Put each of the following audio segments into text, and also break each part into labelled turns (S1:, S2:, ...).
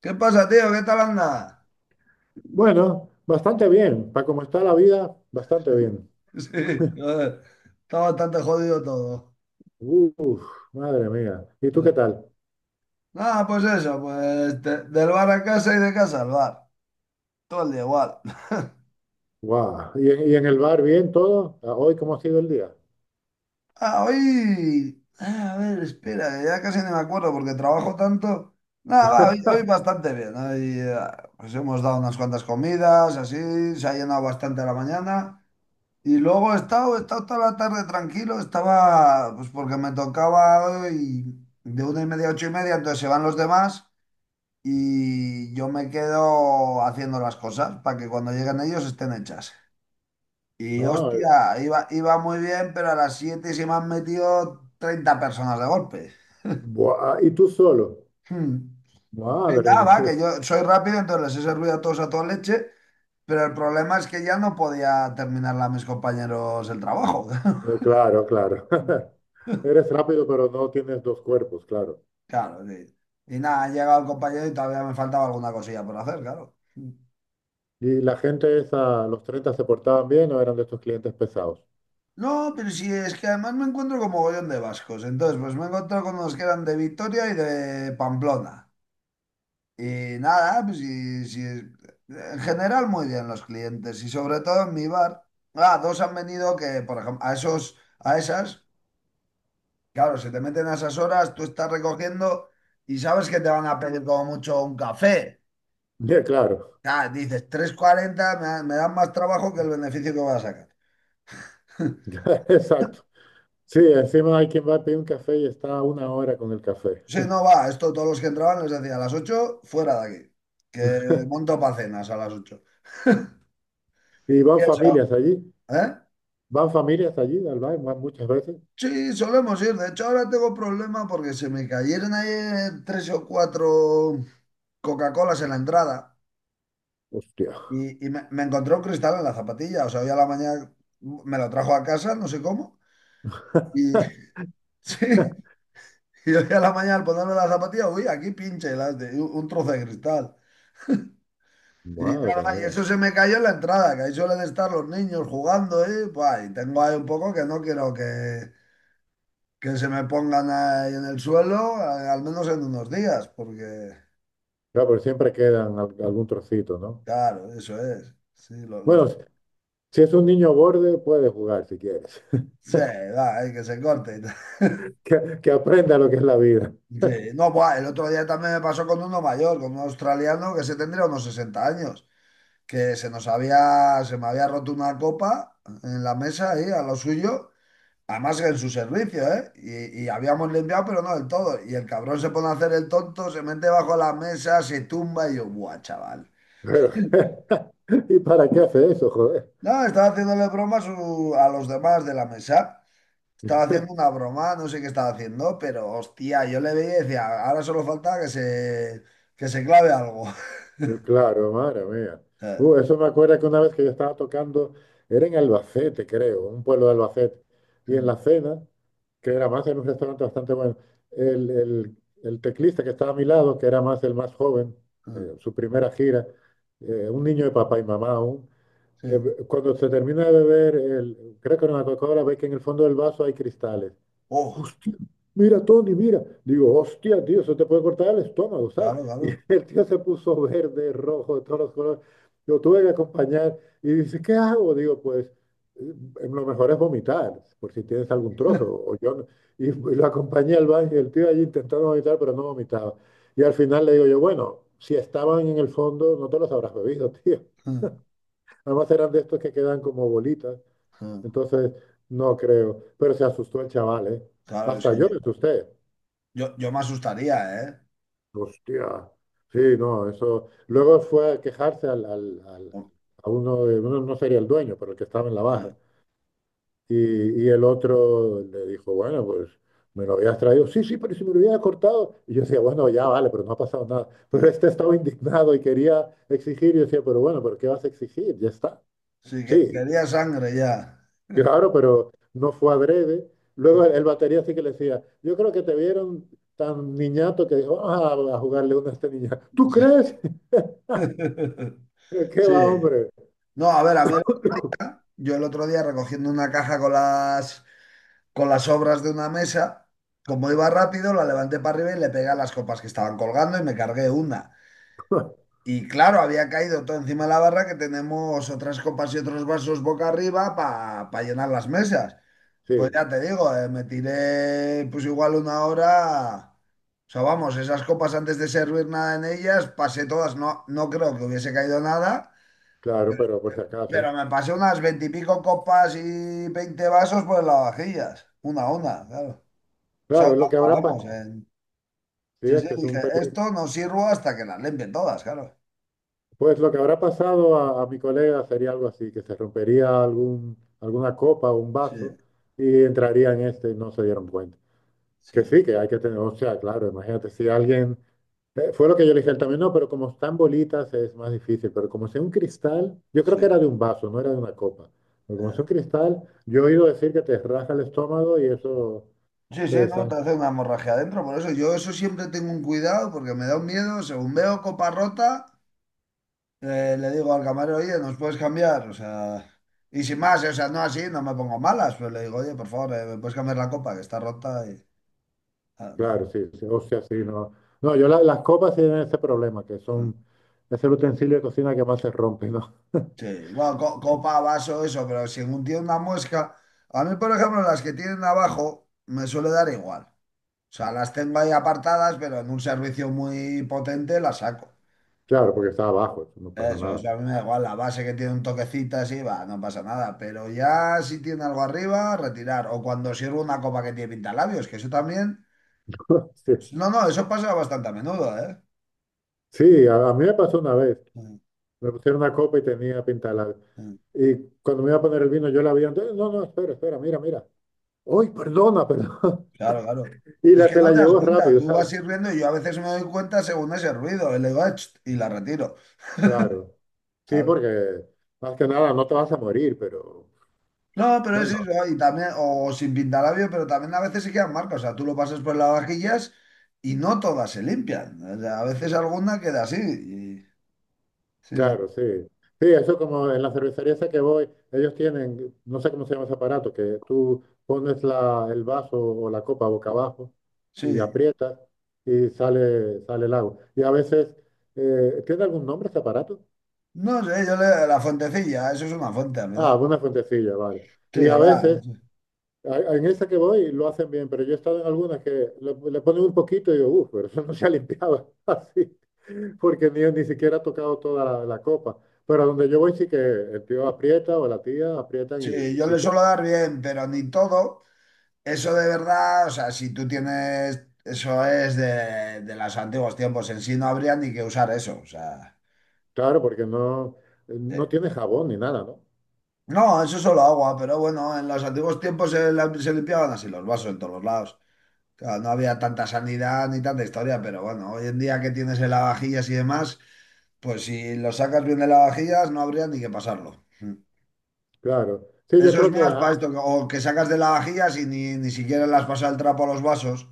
S1: ¿Qué pasa, tío? ¿Qué tal anda?
S2: Bueno, bastante bien. Para cómo está la vida, bastante bien.
S1: Sí, joder, está bastante jodido todo.
S2: Uf, madre mía. ¿Y tú qué tal?
S1: Nada, pues eso, pues de- del bar a casa y de casa al bar. Todo el día igual.
S2: Guau. ¿Y en el bar bien todo? ¿Hoy cómo ha sido el día?
S1: Ah, hoy... A ver, espera, que ya casi no me acuerdo porque trabajo tanto. Nada, va, hoy bastante bien. Hoy, pues hemos dado unas cuantas comidas, así, se ha llenado bastante la mañana. Y luego he estado toda la tarde tranquilo, estaba, pues porque me tocaba hoy de una y media a ocho y media, entonces se van los demás y yo me quedo haciendo las cosas para que cuando lleguen ellos estén hechas. Y
S2: Ah,
S1: hostia, iba muy bien, pero a las siete se me han metido 30 personas de golpe.
S2: buah. ¿Y tú solo?
S1: Hmm. Y
S2: Madre
S1: nada, va,
S2: mía.
S1: que yo soy rápido, entonces les he servido a todos a toda leche, pero el problema es que ya no podía terminarla a mis compañeros el trabajo.
S2: Claro, claro. Eres rápido, pero no tienes dos cuerpos, claro.
S1: Claro, sí. Y nada, ha llegado el compañero y todavía me faltaba alguna cosilla por hacer, claro.
S2: ¿Y la gente esa, los 30 se portaban bien o eran de estos clientes pesados?
S1: No, pero sí, es que además me encuentro con mogollón de vascos. Entonces, pues me encuentro con los que eran de Vitoria y de Pamplona. Y nada, pues sí, sí, en general muy bien los clientes y sobre todo en mi bar. Ah, dos han venido que, por ejemplo, a esos, a esas, claro, se te meten a esas horas, tú estás recogiendo y sabes que te van a pedir como mucho un café.
S2: Bien, claro.
S1: Ah, dices, 3.40 me dan más trabajo que el beneficio que voy a sacar.
S2: Exacto. Sí, encima hay quien va a pedir un café y está una hora con el café.
S1: Sí, no va, esto todos los que entraban les decía a las 8 fuera de aquí, que monto para cenas a las ocho.
S2: ¿Y van
S1: Y eso,
S2: familias allí?
S1: ¿eh?
S2: Van familias allí al baile van muchas veces.
S1: Sí, solemos ir. De hecho, ahora tengo problema porque se me cayeron ayer tres o cuatro Coca-Colas en la entrada
S2: Hostia,
S1: y me encontré un cristal en la zapatilla. O sea, hoy a la mañana me lo trajo a casa, no sé cómo, y sí, y hoy a la mañana al ponerme la zapatilla, uy, aquí pinche un trozo de cristal. Y
S2: madre
S1: nada, y
S2: mía.
S1: eso se me cayó en la entrada, que ahí suelen estar los niños jugando, ¿eh? Buah, y tengo ahí un poco que no quiero que se me pongan ahí en el suelo, al menos en unos días, porque,
S2: Claro, pero siempre quedan algún trocito, ¿no?
S1: claro, eso es. Sí, los,
S2: Bueno, si es un niño borde, puede jugar si quieres.
S1: sí, va, ahí que se corte.
S2: Que aprenda lo que es la vida.
S1: Sí, no, buah, el otro día también me pasó con uno mayor, con un australiano que se tendría unos 60 años, que se me había roto una copa en la mesa ahí, a lo suyo. Además en su servicio, ¿eh? Y habíamos limpiado, pero no del todo. Y el cabrón se pone a hacer el tonto, se mete bajo la mesa, se tumba y yo, ¡buah, chaval!
S2: Pero, ¿y para qué hace eso, joder?
S1: No, estaba haciéndole bromas a los demás de la mesa. Estaba haciendo una broma, no sé qué estaba haciendo, pero hostia, yo le veía y decía, ahora solo falta que se clave algo.
S2: Claro, madre mía. Eso me acuerda que una vez que yo estaba tocando, era en Albacete, creo, un pueblo de Albacete, y en
S1: Mm,
S2: la cena, que era más en un restaurante bastante bueno, el, el- el teclista que estaba a mi lado, que era más el más joven,
S1: mm,
S2: su primera gira, un niño de papá y mamá aún,
S1: Sí.
S2: cuando se termina de beber, el, creo que era una Coca-Cola, ve que en el fondo del vaso hay cristales.
S1: Oh,
S2: Hostia, mira, Tony, mira. Digo, hostia, tío, eso te puede cortar el estómago, ¿sabes?
S1: claro,
S2: Y
S1: claro.
S2: el tío se puso verde, rojo, de todos los colores. Yo tuve que acompañar y dice, ¿qué hago? Digo, pues eh, lo mejor es vomitar, por si tienes algún trozo. O yo, y lo acompañé al baño y el tío allí intentando vomitar, pero no vomitaba. Y al final le digo yo, bueno, si estaban en el fondo, no te los habrás bebido, tío.
S1: Mm,
S2: Además eran de estos que quedan como bolitas. Entonces, no creo. Pero se asustó el chaval, ¿eh?
S1: Claro, es
S2: Hasta
S1: que
S2: yo me asusté.
S1: yo me asustaría, ¿eh?
S2: Hostia. Sí, no, eso. Luego fue a quejarse
S1: Mm,
S2: a uno, uno no sería el dueño, pero el que estaba en la barra. Y el otro le dijo, bueno, pues me lo habías traído. Sí, sí, pero si me lo hubiera cortado. Y yo decía, bueno, ya vale, pero no ha pasado nada. Pero
S1: mm.
S2: este estaba indignado y quería exigir. Y yo decía, pero bueno, ¿pero qué vas a exigir? Ya está.
S1: Sí,
S2: Sí,
S1: quería sangre ya.
S2: claro, pero no fue adrede. Luego el batería sí que le decía, yo creo que te vieron tan niñato que dijo, vamos a jugarle una a este niña. ¿Tú crees? Pero ¿qué
S1: Sí.
S2: va, hombre?
S1: No, a ver, a mí, yo el otro día recogiendo una caja con las obras de una mesa, como iba rápido, la levanté para arriba y le pegué a las copas que estaban colgando y me cargué una. Y claro, había caído todo encima de la barra que tenemos otras copas y otros vasos boca arriba para llenar las mesas. Pues
S2: Sí,
S1: ya te digo, me tiré pues igual una hora. O sea, vamos, esas copas antes de servir nada en ellas, pasé todas, no, no creo que hubiese caído nada.
S2: claro, pero por si acaso.
S1: Pero me pasé unas 20 y pico copas y 20 vasos por el lavavajillas. Una a una, claro. Son
S2: Claro, lo que habrá pasado,
S1: vamos.
S2: sí,
S1: Sí,
S2: es
S1: sí,
S2: que es
S1: dije,
S2: un
S1: esto no sirvo hasta que las limpien todas, claro.
S2: pues lo que habrá pasado a mi colega sería algo así, que se rompería algún, alguna copa o un
S1: Sí,
S2: vaso y entraría en este y no se dieron cuenta. Que
S1: sí,
S2: sí, que hay que tener, o sea, claro, imagínate si alguien fue lo que yo le dije a él también, no, pero como están bolitas es más difícil, pero como sea un cristal, yo creo que
S1: sí.
S2: era de un vaso, no era de una copa, pero como sea
S1: eh.
S2: un cristal, yo he oído decir que te raja el estómago y eso
S1: Sí,
S2: te
S1: sí, no, te
S2: desangra.
S1: hace una hemorragia adentro. Por eso yo eso siempre tengo un cuidado porque me da un miedo. Según veo copa rota, le digo al camarero, oye, ¿nos puedes cambiar? O sea, y sin más, o sea, no así, no me pongo malas, pues le digo, oye, por favor, ¿me puedes cambiar la copa que está rota? Y, ah, no.
S2: Claro, sí, sí, o sea, sí, no. No, yo las copas sí tienen ese problema, que
S1: no,
S2: son, es el utensilio de cocina que más se rompe, ¿no?
S1: Sí, bueno, copa, vaso, eso, pero si tiene una muesca, a mí, por ejemplo, las que tienen abajo me suele dar igual. O sea, las tengo ahí apartadas, pero en un servicio muy potente las saco.
S2: Claro, porque está abajo, eso no pasa nada.
S1: Eso a mí me da igual, la base que tiene un toquecito así, va, no pasa nada. Pero ya si tiene algo arriba, retirar. O cuando sirvo una copa que tiene pintalabios, que eso también...
S2: Sí, sí.
S1: No, no, eso pasa bastante a menudo, ¿eh?
S2: Sí, a mí me pasó una vez,
S1: Mm,
S2: me pusieron una copa y tenía pinta de labio.
S1: mm,
S2: Y cuando me iba a poner el vino, yo la vi antes, no, no, espera, espera, mira, mira. Uy, perdona, perdón.
S1: Claro, claro.
S2: Y
S1: Es
S2: la,
S1: que
S2: se
S1: no
S2: la
S1: te das
S2: llevó
S1: cuenta,
S2: rápido,
S1: tú vas
S2: ¿sabes?
S1: sirviendo y yo a veces me doy cuenta según ese ruido, y le digo, "Ach", y la retiro.
S2: Claro. Sí,
S1: Claro.
S2: porque más que nada no te vas a morir, pero
S1: No, pero es
S2: bueno,
S1: eso, y también, o sin pintalabio, pero también a veces se quedan marcas. O sea, tú lo pasas por las vajillas y no todas se limpian. O sea, a veces alguna queda así. Sí, sí,
S2: claro, sí. Sí, eso como en la cervecería esa que voy, ellos tienen, no sé cómo se llama ese aparato, que tú pones la, el vaso o la copa boca abajo y
S1: sí.
S2: aprietas y sale, sale el agua. Y a veces, ¿tiene algún nombre ese aparato?
S1: No sé, yo le... la fuentecilla, eso es una fuente, a mi edad.
S2: Ah, una fuentecilla, vale.
S1: Sí,
S2: Y a
S1: va.
S2: veces en esa que voy lo hacen bien, pero yo he estado en algunas que le ponen un poquito y digo, uff, pero eso no se ha limpiado así, porque ni siquiera ha tocado toda la copa. Pero donde yo voy sí que el tío aprieta o la tía aprietan y,
S1: Sí,
S2: y
S1: yo
S2: sí
S1: le
S2: que,
S1: suelo dar bien, pero ni todo. Eso de verdad, o sea, si tú tienes, eso es de los antiguos tiempos. En sí no habría ni que usar eso. O sea,
S2: claro, porque no
S1: eh,
S2: tiene jabón ni nada, ¿no?
S1: no, eso es solo agua, pero bueno, en los antiguos tiempos se limpiaban así los vasos en todos los lados. Claro, no había tanta sanidad ni tanta historia, pero bueno, hoy en día que tienes el lavavajillas y demás, pues si lo sacas bien de lavavajillas no habría ni que pasarlo. Mm.
S2: Claro. Sí, yo
S1: Eso es
S2: creo que,
S1: más para esto, o que sacas de lavavajillas y ni siquiera las pasas el trapo a los vasos.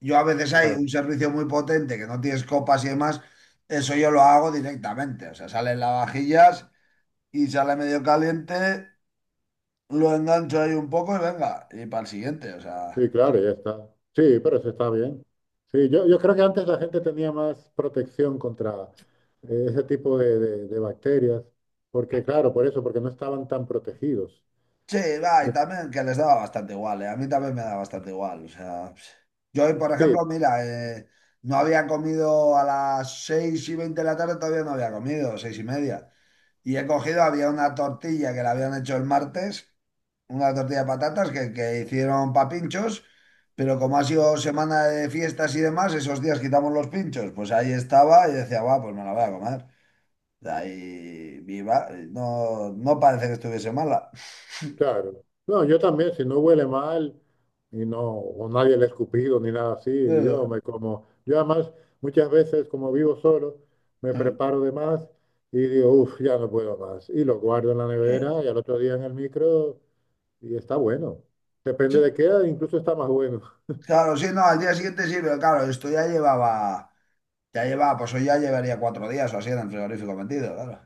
S1: Yo a veces hay
S2: claro.
S1: un servicio muy potente que no tienes copas y demás, eso yo lo hago directamente, o sea, salen lavavajillas y sale medio caliente, lo engancho ahí un poco y venga, y para el siguiente, o
S2: Sí,
S1: sea.
S2: claro, ya está. Sí, pero eso está bien. Sí, yo creo que antes la gente tenía más protección contra ese tipo de, de bacterias, porque claro, por eso, porque no estaban tan protegidos.
S1: Sí, va,
S2: Y-
S1: y también que les daba bastante igual, ¿eh? A mí también me da bastante igual, o sea. Yo hoy, por ejemplo,
S2: sí,
S1: mira, no había comido a las seis y 20 de la tarde, todavía no había comido, seis y media. Y he cogido, había una tortilla que la habían hecho el martes, una tortilla de patatas que hicieron para pinchos, pero como ha sido semana de fiestas y demás, esos días quitamos los pinchos, pues ahí estaba y decía, va, pues me la voy a comer. Ahí viva, no, no parece que estuviese mala.
S2: claro. No, yo también, si no huele mal y no, o nadie le ha escupido ni nada así, y yo
S1: Eso.
S2: me como, yo además muchas veces como vivo solo, me preparo de más y digo, uff, ya no puedo más. Y lo guardo en la
S1: Sí.
S2: nevera y al otro día en el micro. Y está bueno. Depende de qué, edad incluso está más bueno.
S1: Claro, sí, no, al día siguiente sí, pero claro, esto ya llevaba, pues hoy ya llevaría 4 días o así en el frigorífico metido, claro.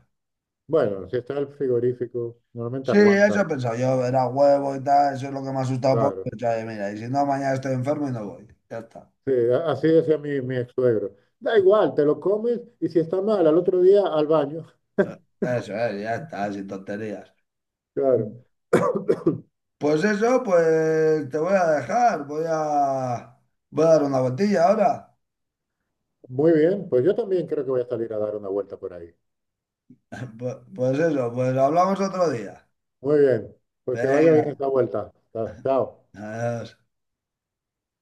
S2: Bueno, si está el frigorífico, normalmente
S1: Sí, eso he
S2: aguantan,
S1: pensado yo, era huevo y tal, eso es lo que me ha asustado un poco. He
S2: claro.
S1: pensado, oye, mira, y si no, mañana estoy enfermo y no voy. Ya está.
S2: Sí, a- así decía mi ex suegro. Da igual, te lo comes y si está mal, al otro día al baño.
S1: Eso es, ya está, sin tonterías.
S2: Claro.
S1: Pues eso, pues te voy a dejar, voy a dar una vueltilla ahora.
S2: Muy bien, pues yo también creo que voy a salir a dar una vuelta por ahí.
S1: Pues eso, pues hablamos otro día.
S2: Muy bien, pues que vaya bien
S1: Venga,
S2: esta vuelta. Chao.
S1: adiós.